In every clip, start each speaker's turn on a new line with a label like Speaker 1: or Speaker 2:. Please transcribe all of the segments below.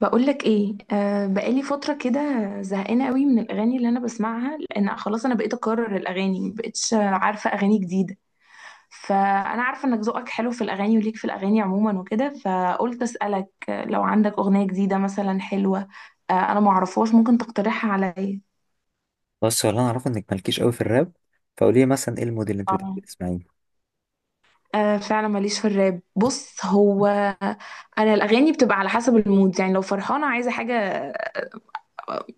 Speaker 1: بقولك ايه؟ آه، بقالي فترة كده زهقانة قوي من الأغاني اللي أنا بسمعها، لأن خلاص أنا بقيت أكرر الأغاني، مبقتش عارفة أغاني جديدة. فأنا عارفة إنك ذوقك حلو في الأغاني وليك في الأغاني عموما وكده، فقلت أسألك لو عندك أغنية جديدة مثلا حلوة. آه أنا معرفهاش، ممكن تقترحها عليا.
Speaker 2: بس هو اللي انا اعرفه انك مالكيش قوي في الراب. فقولي لي مثلا ايه الموديل اللي انت بتحبي
Speaker 1: اه.
Speaker 2: تسمعيه؟
Speaker 1: آه فعلا ماليش في الراب. بص، هو انا الاغاني بتبقى على حسب المود، يعني لو فرحانه عايزه حاجه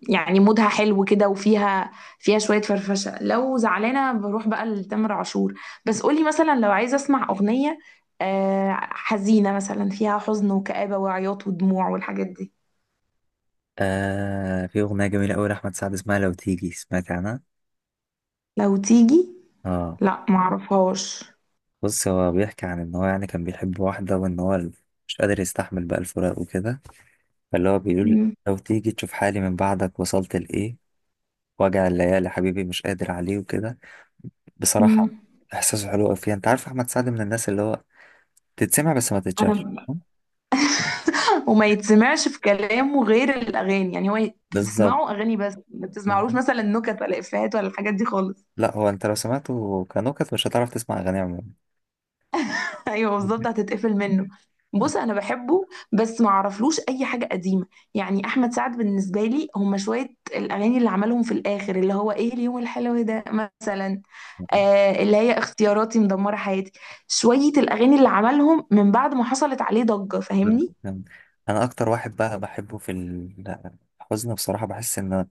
Speaker 1: يعني مودها حلو كده، وفيها شوية فرفشة. لو زعلانة بروح بقى لتامر عاشور. بس قولي مثلا لو عايزة اسمع أغنية حزينة مثلا، فيها حزن وكآبة وعياط ودموع والحاجات دي.
Speaker 2: آه، في اغنيه جميله قوي لاحمد سعد اسمها لو تيجي، سمعت عنها؟
Speaker 1: لو تيجي؟
Speaker 2: اه.
Speaker 1: لا معرفهاش.
Speaker 2: بص، هو بيحكي عن ان هو يعني كان بيحب واحده وان هو مش قادر يستحمل بقى الفراق وكده. فاللي هو بيقول:
Speaker 1: مم.
Speaker 2: لو تيجي تشوف حالي من بعدك وصلت لايه، وجع الليالي حبيبي مش قادر عليه وكده. بصراحه
Speaker 1: مم.
Speaker 2: احساسه حلو قوي فيها. انت عارف احمد سعد من الناس اللي هو تتسمع بس ما تتشافش.
Speaker 1: انا… وما يتسمعش في كلامه غير الاغاني، يعني هو
Speaker 2: بالظبط.
Speaker 1: تسمعه اغاني بس ما تسمعلوش مثلا نكت ولا افيهات ولا الحاجات دي خالص.
Speaker 2: لا هو انت لو سمعته كنكت مش هتعرف تسمع اغانيه عموما.
Speaker 1: ايوه بالظبط، هتتقفل منه. بص انا بحبه بس ما اعرفلوش اي حاجه قديمه. يعني احمد سعد بالنسبه لي هما شويه الاغاني اللي عملهم في الاخر، اللي هو ايه، اليوم الحلو ده مثلا، آه اللي هي اختياراتي مدمره حياتي، شويه الاغاني اللي عملهم من بعد ما حصلت عليه ضجه، فاهمني؟
Speaker 2: انا اكتر واحد بقى بحبه في الحزن، بصراحة بحس ان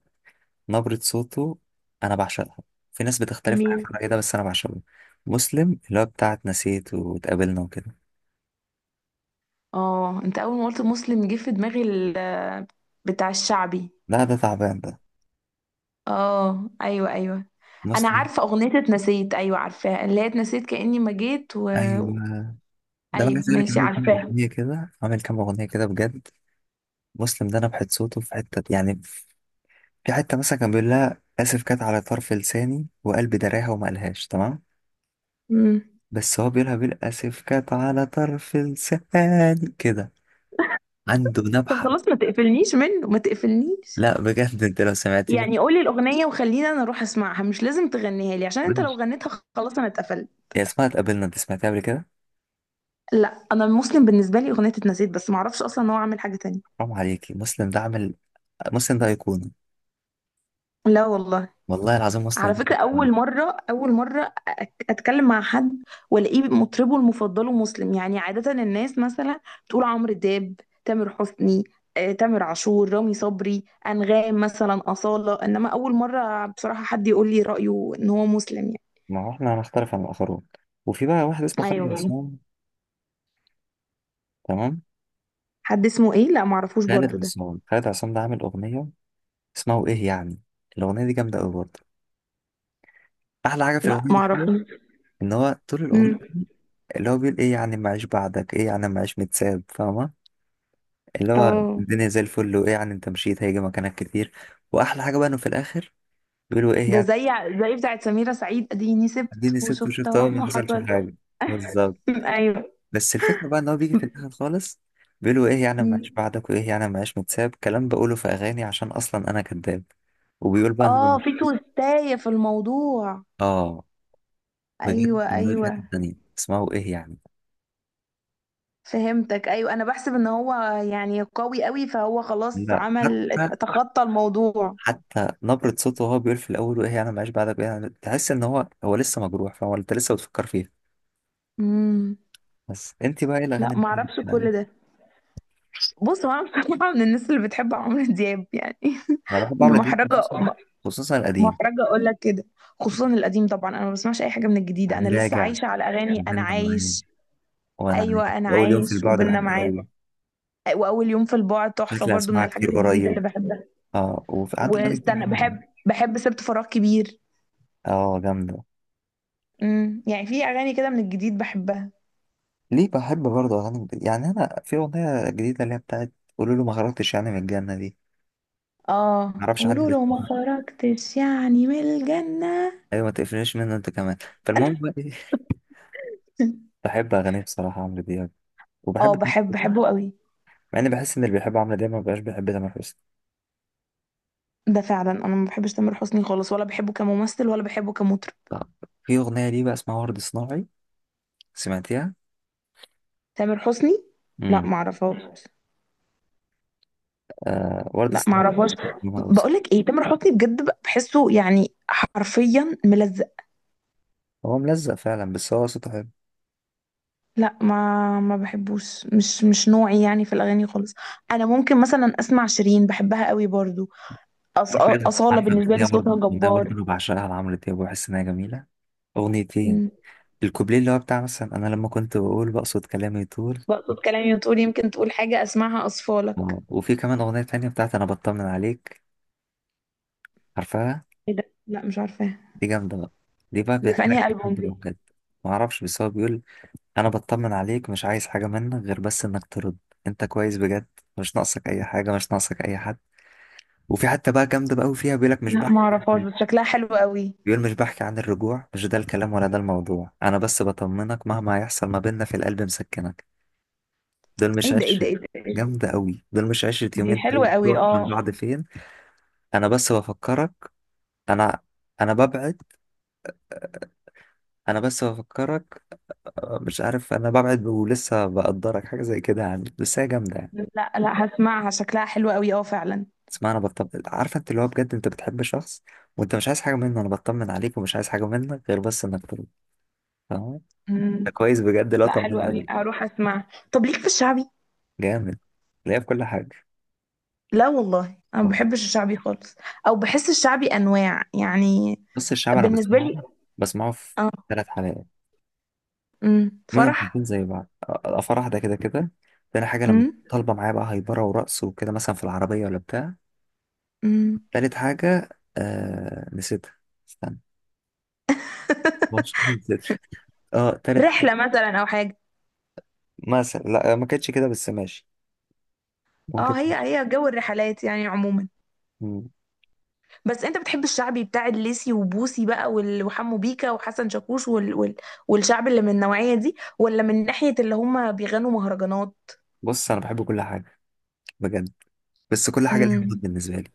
Speaker 2: نبرة صوته انا بعشقها. في ناس بتختلف معايا
Speaker 1: مين؟
Speaker 2: في الرأي ده بس انا بعشقه. مسلم، اللي هو بتاعت نسيت واتقابلنا وكده.
Speaker 1: اه انت اول ما قلت مسلم جه في دماغي بتاع الشعبي.
Speaker 2: لا ده تعبان ده.
Speaker 1: اه ايوه ايوه. انا
Speaker 2: مسلم.
Speaker 1: عارفه اغنيه اتنسيت، ايوه عارفاها، اللي هي اتنسيت كاني ما جيت و…
Speaker 2: ايوه، ده بقى
Speaker 1: ايوه
Speaker 2: عايز اقول لك،
Speaker 1: ماشي
Speaker 2: عامل كام
Speaker 1: عارفاها.
Speaker 2: اغنية كده، عامل كام اغنية كده بجد. مسلم ده نبحة صوته في حتة يعني، في حتة مثلا كان بيقول لها اسف كانت على طرف لساني وقلبي دراها وما قالهاش تمام.
Speaker 1: امم.
Speaker 2: بس هو بيقولها بالاسف كانت على طرف لساني كده. عنده
Speaker 1: طب
Speaker 2: نبحة.
Speaker 1: خلاص، ما تقفلنيش منه ما تقفلنيش.
Speaker 2: لا بجد انت لو سمعتي منها.
Speaker 1: يعني قولي الأغنية وخليني أنا أروح أسمعها، مش لازم تغنيها لي، عشان أنت لو
Speaker 2: ماشي.
Speaker 1: غنيتها خلاص أنا اتقفلت.
Speaker 2: يا اسمها اتقابلنا، انت سمعتيها قبل كده؟
Speaker 1: لا أنا المسلم بالنسبة لي أغنية اتنسيت بس، ما أعرفش أصلا إن هو عامل حاجة تانية.
Speaker 2: حرام عليكي، مسلم ده عامل، مسلم ده ايقونة.
Speaker 1: لا والله.
Speaker 2: والله العظيم مسلم
Speaker 1: على
Speaker 2: ده
Speaker 1: فكرة
Speaker 2: أيقونة.
Speaker 1: أول مرة، أتكلم مع حد وألاقيه مطربه المفضله مسلم. يعني عادة الناس مثلا تقول عمرو دياب، تامر حسني، تامر عاشور، رامي صبري، أنغام مثلا، أصالة، إنما أول مرة بصراحة حد يقول لي رأيه إن هو مسلم يعني.
Speaker 2: ما هو احنا هنختلف عن الاخرون. وفي بقى واحد اسمه خالد
Speaker 1: أيوه.
Speaker 2: عصام. تمام.
Speaker 1: حد اسمه إيه؟ لا معرفوش
Speaker 2: خالد
Speaker 1: برضو ده.
Speaker 2: عصام، خالد عصام ده عامل اغنية اسمها وايه يعني. الاغنية دي جامدة قوي برضه. احلى حاجة في
Speaker 1: لا
Speaker 2: الاغنية دي حلوه
Speaker 1: معرفوش.
Speaker 2: ان هو طول الاغنية
Speaker 1: مم.
Speaker 2: اللي هو بيقول ايه يعني ما اعيش بعدك، ايه يعني ما اعيش متساب، فاهمة؟ اللي هو
Speaker 1: اه
Speaker 2: الدنيا زي الفل وايه يعني انت مشيت هيجي مكانك كتير. واحلى حاجه بقى انه في الاخر بيقولوا ايه
Speaker 1: ده
Speaker 2: يعني
Speaker 1: زي زي بتاعت سميرة سعيد، اديني سبت
Speaker 2: اديني ست
Speaker 1: وشفت
Speaker 2: وشفت
Speaker 1: اهو
Speaker 2: اهو ما
Speaker 1: ما
Speaker 2: حصلش
Speaker 1: حصل.
Speaker 2: حاجه، بالظبط.
Speaker 1: ايوه.
Speaker 2: بس الفكره بقى ان هو بيجي في الاخر خالص بيقولوا ايه يعني ما
Speaker 1: مم.
Speaker 2: عايش بعدك، وايه يعني ما عايش متساب، كلام بقوله في اغاني عشان اصلا انا كذاب. وبيقول بقى إن هو
Speaker 1: اه،
Speaker 2: مش-.
Speaker 1: في توستاية في الموضوع.
Speaker 2: اه. بجد
Speaker 1: ايوه
Speaker 2: الموضوع في حته
Speaker 1: ايوه.
Speaker 2: تانيه اسمعوا ايه يعني.
Speaker 1: فهمتك، ايوه انا بحسب ان هو يعني قوي قوي، فهو خلاص
Speaker 2: لا
Speaker 1: عمل
Speaker 2: حتى،
Speaker 1: تخطى الموضوع.
Speaker 2: حتى نبرة صوته وهو بيقول في الأول وإيه أنا معيش بعدك وإيه يعني تحس إن هو لسه مجروح، فهو أنت لسه بتفكر فيه.
Speaker 1: امم.
Speaker 2: بس أنت بقى إيه
Speaker 1: لا
Speaker 2: الأغاني
Speaker 1: ما
Speaker 2: اللي
Speaker 1: اعرفش
Speaker 2: بتحبي؟
Speaker 1: كل ده. بص هو انا بصراحه من الناس اللي بتحب عمرو دياب يعني.
Speaker 2: انا بحب عمرو دياب،
Speaker 1: محرجه،
Speaker 2: خصوصا خصوصا القديم.
Speaker 1: محرجه اقول لك كده. خصوصا القديم طبعا، انا ما بسمعش اي حاجه من الجديده،
Speaker 2: يعني
Speaker 1: انا لسه
Speaker 2: راجع،
Speaker 1: عايشه على اغاني انا
Speaker 2: بند معايا،
Speaker 1: عايش.
Speaker 2: وانا عايز،
Speaker 1: ايوه، انا
Speaker 2: اول يوم في
Speaker 1: عايش
Speaker 2: البعد،
Speaker 1: وبيننا
Speaker 2: بحبه
Speaker 1: معاد،
Speaker 2: قوي.
Speaker 1: واول يوم في البعد تحفه
Speaker 2: شكلي
Speaker 1: برضو، من
Speaker 2: هسمعها كتير
Speaker 1: الحاجات الجديده اللي
Speaker 2: قريب.
Speaker 1: بحبها.
Speaker 2: اه وفي قعدت اغاني كتير
Speaker 1: واستنى،
Speaker 2: حلوه.
Speaker 1: بحب بحب سبت فراغ كبير.
Speaker 2: اه جامده.
Speaker 1: امم، يعني في اغاني كده من الجديد بحبها.
Speaker 2: ليه بحب برضه اغاني جديدة؟ يعني انا في اغنيه جديده اللي هي بتاعت قولوا له ما خرجتش يعني من الجنه دي.
Speaker 1: اه
Speaker 2: معرفش حد
Speaker 1: قولوا له ما
Speaker 2: بيحبها.
Speaker 1: خرجتش يعني من الجنة.
Speaker 2: ايوه ما تقفلنيش منه انت كمان. فالمهم بقى إيه، بحب اغانيه بصراحه، عمرو دياب.
Speaker 1: اه،
Speaker 2: وبحب
Speaker 1: بحبه قوي.
Speaker 2: مع اني بحس ان اللي بيحب عمرو دياب ما بيبقاش بيحب تامر حسني.
Speaker 1: ده فعلا، انا ما بحبش تامر حسني خالص، ولا بحبه كممثل ولا بحبه كمطرب.
Speaker 2: طب في اغنيه ليه بقى اسمها ورد صناعي، سمعتيها؟
Speaker 1: تامر حسني؟ لا ما اعرفهاش.
Speaker 2: آه، ورد
Speaker 1: لا ما
Speaker 2: السحاب.
Speaker 1: اعرفهاش.
Speaker 2: لما أوصل.
Speaker 1: بقول لك ايه، تامر حسني بجد بحسه يعني حرفيا ملزق.
Speaker 2: هو ملزق فعلا بس هو صوته حلو.
Speaker 1: لا، ما بحبوش، مش نوعي يعني في الاغاني خالص. انا ممكن مثلا اسمع شيرين، بحبها قوي برضو. أص...
Speaker 2: عارف ايه ده،
Speaker 1: أصالة
Speaker 2: عارف
Speaker 1: بالنسبة لي
Speaker 2: الاغنيه برضه
Speaker 1: صوتها
Speaker 2: الاغنيه
Speaker 1: جبار.
Speaker 2: برضه انا بعشقها لعمرو دياب وبحس انها جميله. اغنيتين.
Speaker 1: مم.
Speaker 2: الكوبليه اللي هو بتاع مثلا انا لما كنت بقول بقصد كلامي طول.
Speaker 1: بقصد كلامي وتقول يمكن تقول حاجة اسمعها أصفالك.
Speaker 2: آه، وفي كمان اغنيه تانية بتاعت انا بطمن عليك، عارفها؟
Speaker 1: ايه ده؟ لا مش عارفاها.
Speaker 2: دي جامده بقى، دي بقى
Speaker 1: دي في
Speaker 2: بيحكي
Speaker 1: انهي
Speaker 2: لك الحب
Speaker 1: ألبوم
Speaker 2: ده
Speaker 1: دي؟
Speaker 2: بجد. ما اعرفش بس هو بيقول: انا بطمن عليك مش عايز حاجه منك غير بس انك ترد انت كويس بجد، مش ناقصك اي حاجه مش ناقصك اي حد. وفي حتى بقى جامده بقى وفيها بيقول لك مش
Speaker 1: لا
Speaker 2: بقى
Speaker 1: ما اعرفهاش بس شكلها حلو قوي.
Speaker 2: بيقول مش بحكي عن الرجوع مش ده الكلام ولا ده الموضوع انا بس بطمنك مهما هيحصل ما بيننا في القلب مسكنك. دول
Speaker 1: ايه
Speaker 2: مش
Speaker 1: ده ايه ده
Speaker 2: 10.
Speaker 1: ايه ده إيه ده؟
Speaker 2: جامدة قوي. دول مش 10
Speaker 1: دي
Speaker 2: يومين طيب
Speaker 1: حلوة قوي
Speaker 2: تروح من
Speaker 1: اه.
Speaker 2: بعض فين. انا بس بفكرك، انا انا ببعد، انا بس بفكرك، مش عارف انا ببعد ولسه بقدرك. حاجة زي كده يعني بس هي جامدة يعني.
Speaker 1: لا، لا هسمعها شكلها حلو قوي اه فعلا.
Speaker 2: اسمع، انا بطمن، عارفه انت اللي هو بجد انت بتحب شخص وانت مش عايز حاجه منه. انا بطمن عليك ومش عايز حاجه منك غير بس انك تروح، فاهم؟ ده
Speaker 1: مم.
Speaker 2: كويس بجد، لا
Speaker 1: لا حلو
Speaker 2: طمن
Speaker 1: قوي،
Speaker 2: عليك.
Speaker 1: هروح اسمعها. طب ليك في الشعبي؟
Speaker 2: جامد. ليا في كل حاجه.
Speaker 1: لا والله انا ما بحبش الشعبي خالص. او بحس الشعبي انواع، يعني
Speaker 2: نص الشعب انا
Speaker 1: بالنسبة
Speaker 2: بسمعه
Speaker 1: لي.
Speaker 2: بسمعه في ثلاث حلقات،
Speaker 1: مم.
Speaker 2: منهم
Speaker 1: فرح.
Speaker 2: حلقتين زي بعض، الافراح واحده كده كده. تاني حاجه لما
Speaker 1: مم.
Speaker 2: طالبه معايا بقى هايبره ورقص وكده مثلا في العربيه ولا بتاع.
Speaker 1: مم.
Speaker 2: تالت حاجه، آه نسيتها، استنى، مش نسيتها. اه تالت حاجه
Speaker 1: رحلة مثلا او حاجة.
Speaker 2: مثلا لا ما كانتش كده بس ماشي، ممكن.
Speaker 1: اه هي، هي جو الرحلات يعني عموما.
Speaker 2: مم.
Speaker 1: بس انت بتحب الشعبي بتاع الليسي وبوسي بقى وحمو بيكا وحسن شاكوش والشعب اللي من النوعية دي، ولا من ناحية اللي هم بيغنوا مهرجانات؟
Speaker 2: بص انا بحب كل حاجه بجد، بس كل حاجه ليها
Speaker 1: امم.
Speaker 2: مود بالنسبه لي.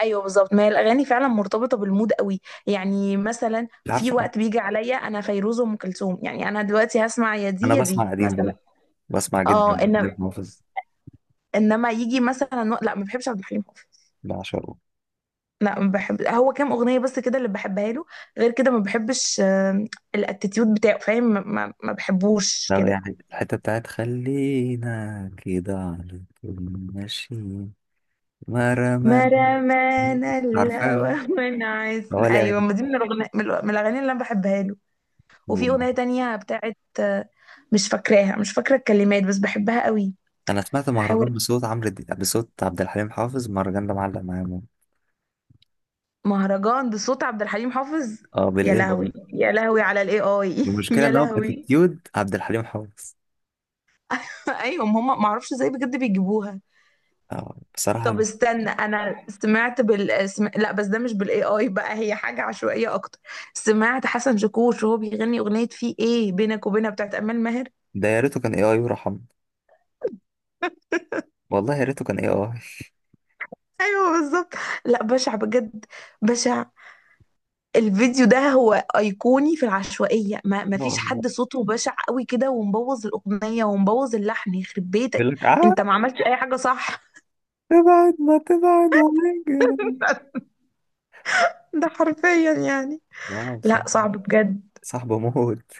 Speaker 1: ايوه بالظبط، ما هي الاغاني فعلا مرتبطه بالمود قوي. يعني مثلا
Speaker 2: مش
Speaker 1: في
Speaker 2: عارفه.
Speaker 1: وقت بيجي عليا انا فيروز وام كلثوم، يعني انا دلوقتي هسمع يا دي
Speaker 2: انا
Speaker 1: يا دي
Speaker 2: بسمع قديم
Speaker 1: مثلا.
Speaker 2: برضه، بسمع
Speaker 1: اه
Speaker 2: جدا،
Speaker 1: إن...
Speaker 2: عارف حافظ،
Speaker 1: انما يجي مثلا لا ما بحبش عبد الحليم حافظ.
Speaker 2: بعشقه.
Speaker 1: لا ما بحب، هو كام اغنيه بس كده اللي بحبها له، غير كده ما بحبش. الاتيتيود بتاعه، فاهم؟ ما بحبوش
Speaker 2: لو
Speaker 1: كده.
Speaker 2: يعني الحتة بتاعت خلينا كده على طول ماشيين مرمى.
Speaker 1: ما رمانا
Speaker 2: عارفاه اه.
Speaker 1: الهوى منعس،
Speaker 2: هو ليه
Speaker 1: ايوه ما
Speaker 2: أغاني-.
Speaker 1: دي من الاغنيه، من الاغاني اللي انا بحبها له. وفي
Speaker 2: كتير.
Speaker 1: اغنيه تانية بتاعت مش فاكراها، مش فاكره الكلمات بس بحبها قوي.
Speaker 2: أنا سمعت
Speaker 1: هحاول.
Speaker 2: مهرجان بصوت عمرو دي... بصوت عبد الحليم حافظ، المهرجان ده معلق معايا موت.
Speaker 1: مهرجان بصوت عبد الحليم حافظ؟
Speaker 2: اه
Speaker 1: يا
Speaker 2: بالإيه.
Speaker 1: لهوي يا لهوي على الاي اي
Speaker 2: المشكلة
Speaker 1: يا
Speaker 2: إن هو
Speaker 1: لهوي.
Speaker 2: بأتيتيود عبد الحليم حافظ.
Speaker 1: ايوه هم، ما اعرفش ازاي بجد بيجيبوها.
Speaker 2: آه
Speaker 1: طب
Speaker 2: بصراحة.
Speaker 1: استنى، انا سمعت لا بس ده مش بالاي اي بقى، هي حاجه عشوائيه اكتر. سمعت حسن شاكوش وهو بيغني اغنيه في ايه بينك وبينها بتاعت امال ماهر.
Speaker 2: ده يا ريته كان إيه آي ورحمه. والله يا ريته كان إيه آي.
Speaker 1: ايوه بالظبط. لا بشع بجد، بشع. الفيديو ده هو ايقوني في العشوائيه، ما فيش
Speaker 2: آه،
Speaker 1: حد صوته بشع قوي كده ومبوظ الاغنيه ومبوظ اللحن، يخرب بيتك.
Speaker 2: يقول لك آه.
Speaker 1: انت ما عملتش اي حاجه، صح؟
Speaker 2: تبعد ما تبعد وما يجرى.
Speaker 1: ده حرفيا يعني.
Speaker 2: لا
Speaker 1: لا
Speaker 2: صاحب،
Speaker 1: صعب بجد.
Speaker 2: صاحبه موت.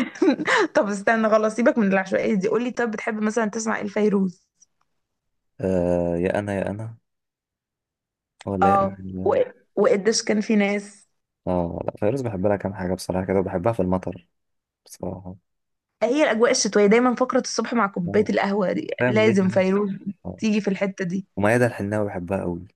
Speaker 1: طب استنى، خلاص سيبك من العشوائية دي، قولي طب بتحب مثلا تسمع ايه لفيروز؟
Speaker 2: آه يا أنا يا أنا ولا يا
Speaker 1: اه، و…
Speaker 2: أجنبي؟
Speaker 1: وقديش كان في ناس.
Speaker 2: اه. لا فيروز بحب لها كام حاجة بصراحة كده، وبحبها في المطر بصراحة.
Speaker 1: هي الأجواء الشتوية دايما، فقرة الصبح مع كوباية
Speaker 2: آه،
Speaker 1: القهوة دي
Speaker 2: فاهم ليه
Speaker 1: لازم
Speaker 2: يعني.
Speaker 1: فيروز
Speaker 2: آه.
Speaker 1: تيجي في الحتة دي.
Speaker 2: وميادة الحناوي بحبها قوي.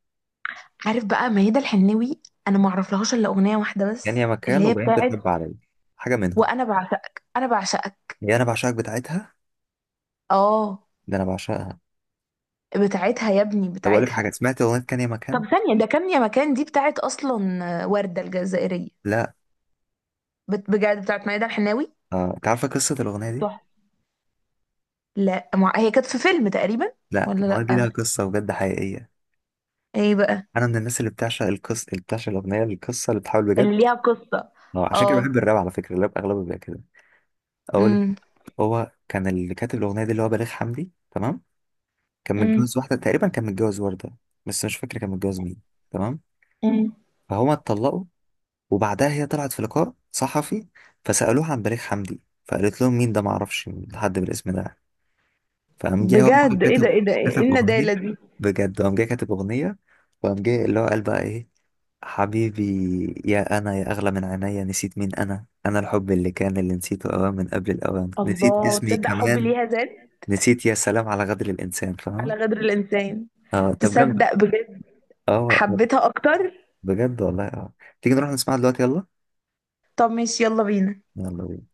Speaker 1: عارف بقى ميادة الحناوي؟ أنا ما أعرفلهاش إلا أغنية واحدة
Speaker 2: يعني يا
Speaker 1: بس اللي
Speaker 2: مكان
Speaker 1: هي
Speaker 2: وبعدين
Speaker 1: بتاعت
Speaker 2: الحب عليا، حاجة منهم.
Speaker 1: وأنا بعشقك، أنا بعشقك.
Speaker 2: يا أنا بعشقك بتاعتها.
Speaker 1: اه
Speaker 2: ده أنا بعشقها.
Speaker 1: بتاعتها يا ابني
Speaker 2: طب أقول لك حاجة،
Speaker 1: بتاعتها.
Speaker 2: سمعت أغنية كان يا مكان؟
Speaker 1: طب ثانية، ده كان يا مكان دي بتاعت أصلا وردة الجزائرية؟
Speaker 2: لا.
Speaker 1: بجد بتاعت ميادة الحناوي؟
Speaker 2: آه. أنت عارفة قصة الأغنية دي؟
Speaker 1: لا مع... هي كانت في فيلم تقريبا.
Speaker 2: لا
Speaker 1: ولا
Speaker 2: الأغنية دي
Speaker 1: لا.
Speaker 2: لها قصة بجد حقيقية.
Speaker 1: ايه بقى؟
Speaker 2: أنا من الناس اللي بتعشق القصة، اللي بتعشق الأغنية القصة، اللي بتحاول بجد.
Speaker 1: اللي ليها قصة.
Speaker 2: اه عشان كده بحب
Speaker 1: اه.
Speaker 2: الراب، على فكرة الراب أغلبه بيبقى كده. أقول.
Speaker 1: امم.
Speaker 2: هو كان اللي كاتب الأغنية دي اللي هو بليغ حمدي تمام. كان
Speaker 1: امم.
Speaker 2: متجوز واحدة تقريبا، كان متجوز وردة، بس مش فاكر كان متجوز مين. تمام.
Speaker 1: امم.
Speaker 2: فهما اتطلقوا وبعدها هي طلعت في لقاء صحفي، فسألوها عن بليغ حمدي، فقالت لهم مين ده، معرفش حد بالاسم ده يعني. فقام جاي هو بقى
Speaker 1: بجد، ايه ده
Speaker 2: كاتب
Speaker 1: ايه ده ايه إيه
Speaker 2: كاتب أغنية،
Speaker 1: الندالة دي؟
Speaker 2: بجد قام جاي كاتب أغنية، وقام جاي اللي هو قال بقى إيه: حبيبي يا أنا يا أغلى من عينيا، نسيت مين أنا، أنا الحب اللي كان اللي نسيته أوان من قبل الأوان، نسيت
Speaker 1: الله،
Speaker 2: اسمي
Speaker 1: تصدق حبي
Speaker 2: كمان،
Speaker 1: ليها زاد.
Speaker 2: نسيت يا سلام على غدر الإنسان، فاهمة؟
Speaker 1: على غدر الانسان.
Speaker 2: اه طب جامد.
Speaker 1: تصدق بجد،
Speaker 2: اه
Speaker 1: حبيتها اكتر.
Speaker 2: بجد والله اه. تيجي نروح نسمعها دلوقتي يلا.
Speaker 1: طب ماشي، يلا بينا.
Speaker 2: يلا بينا.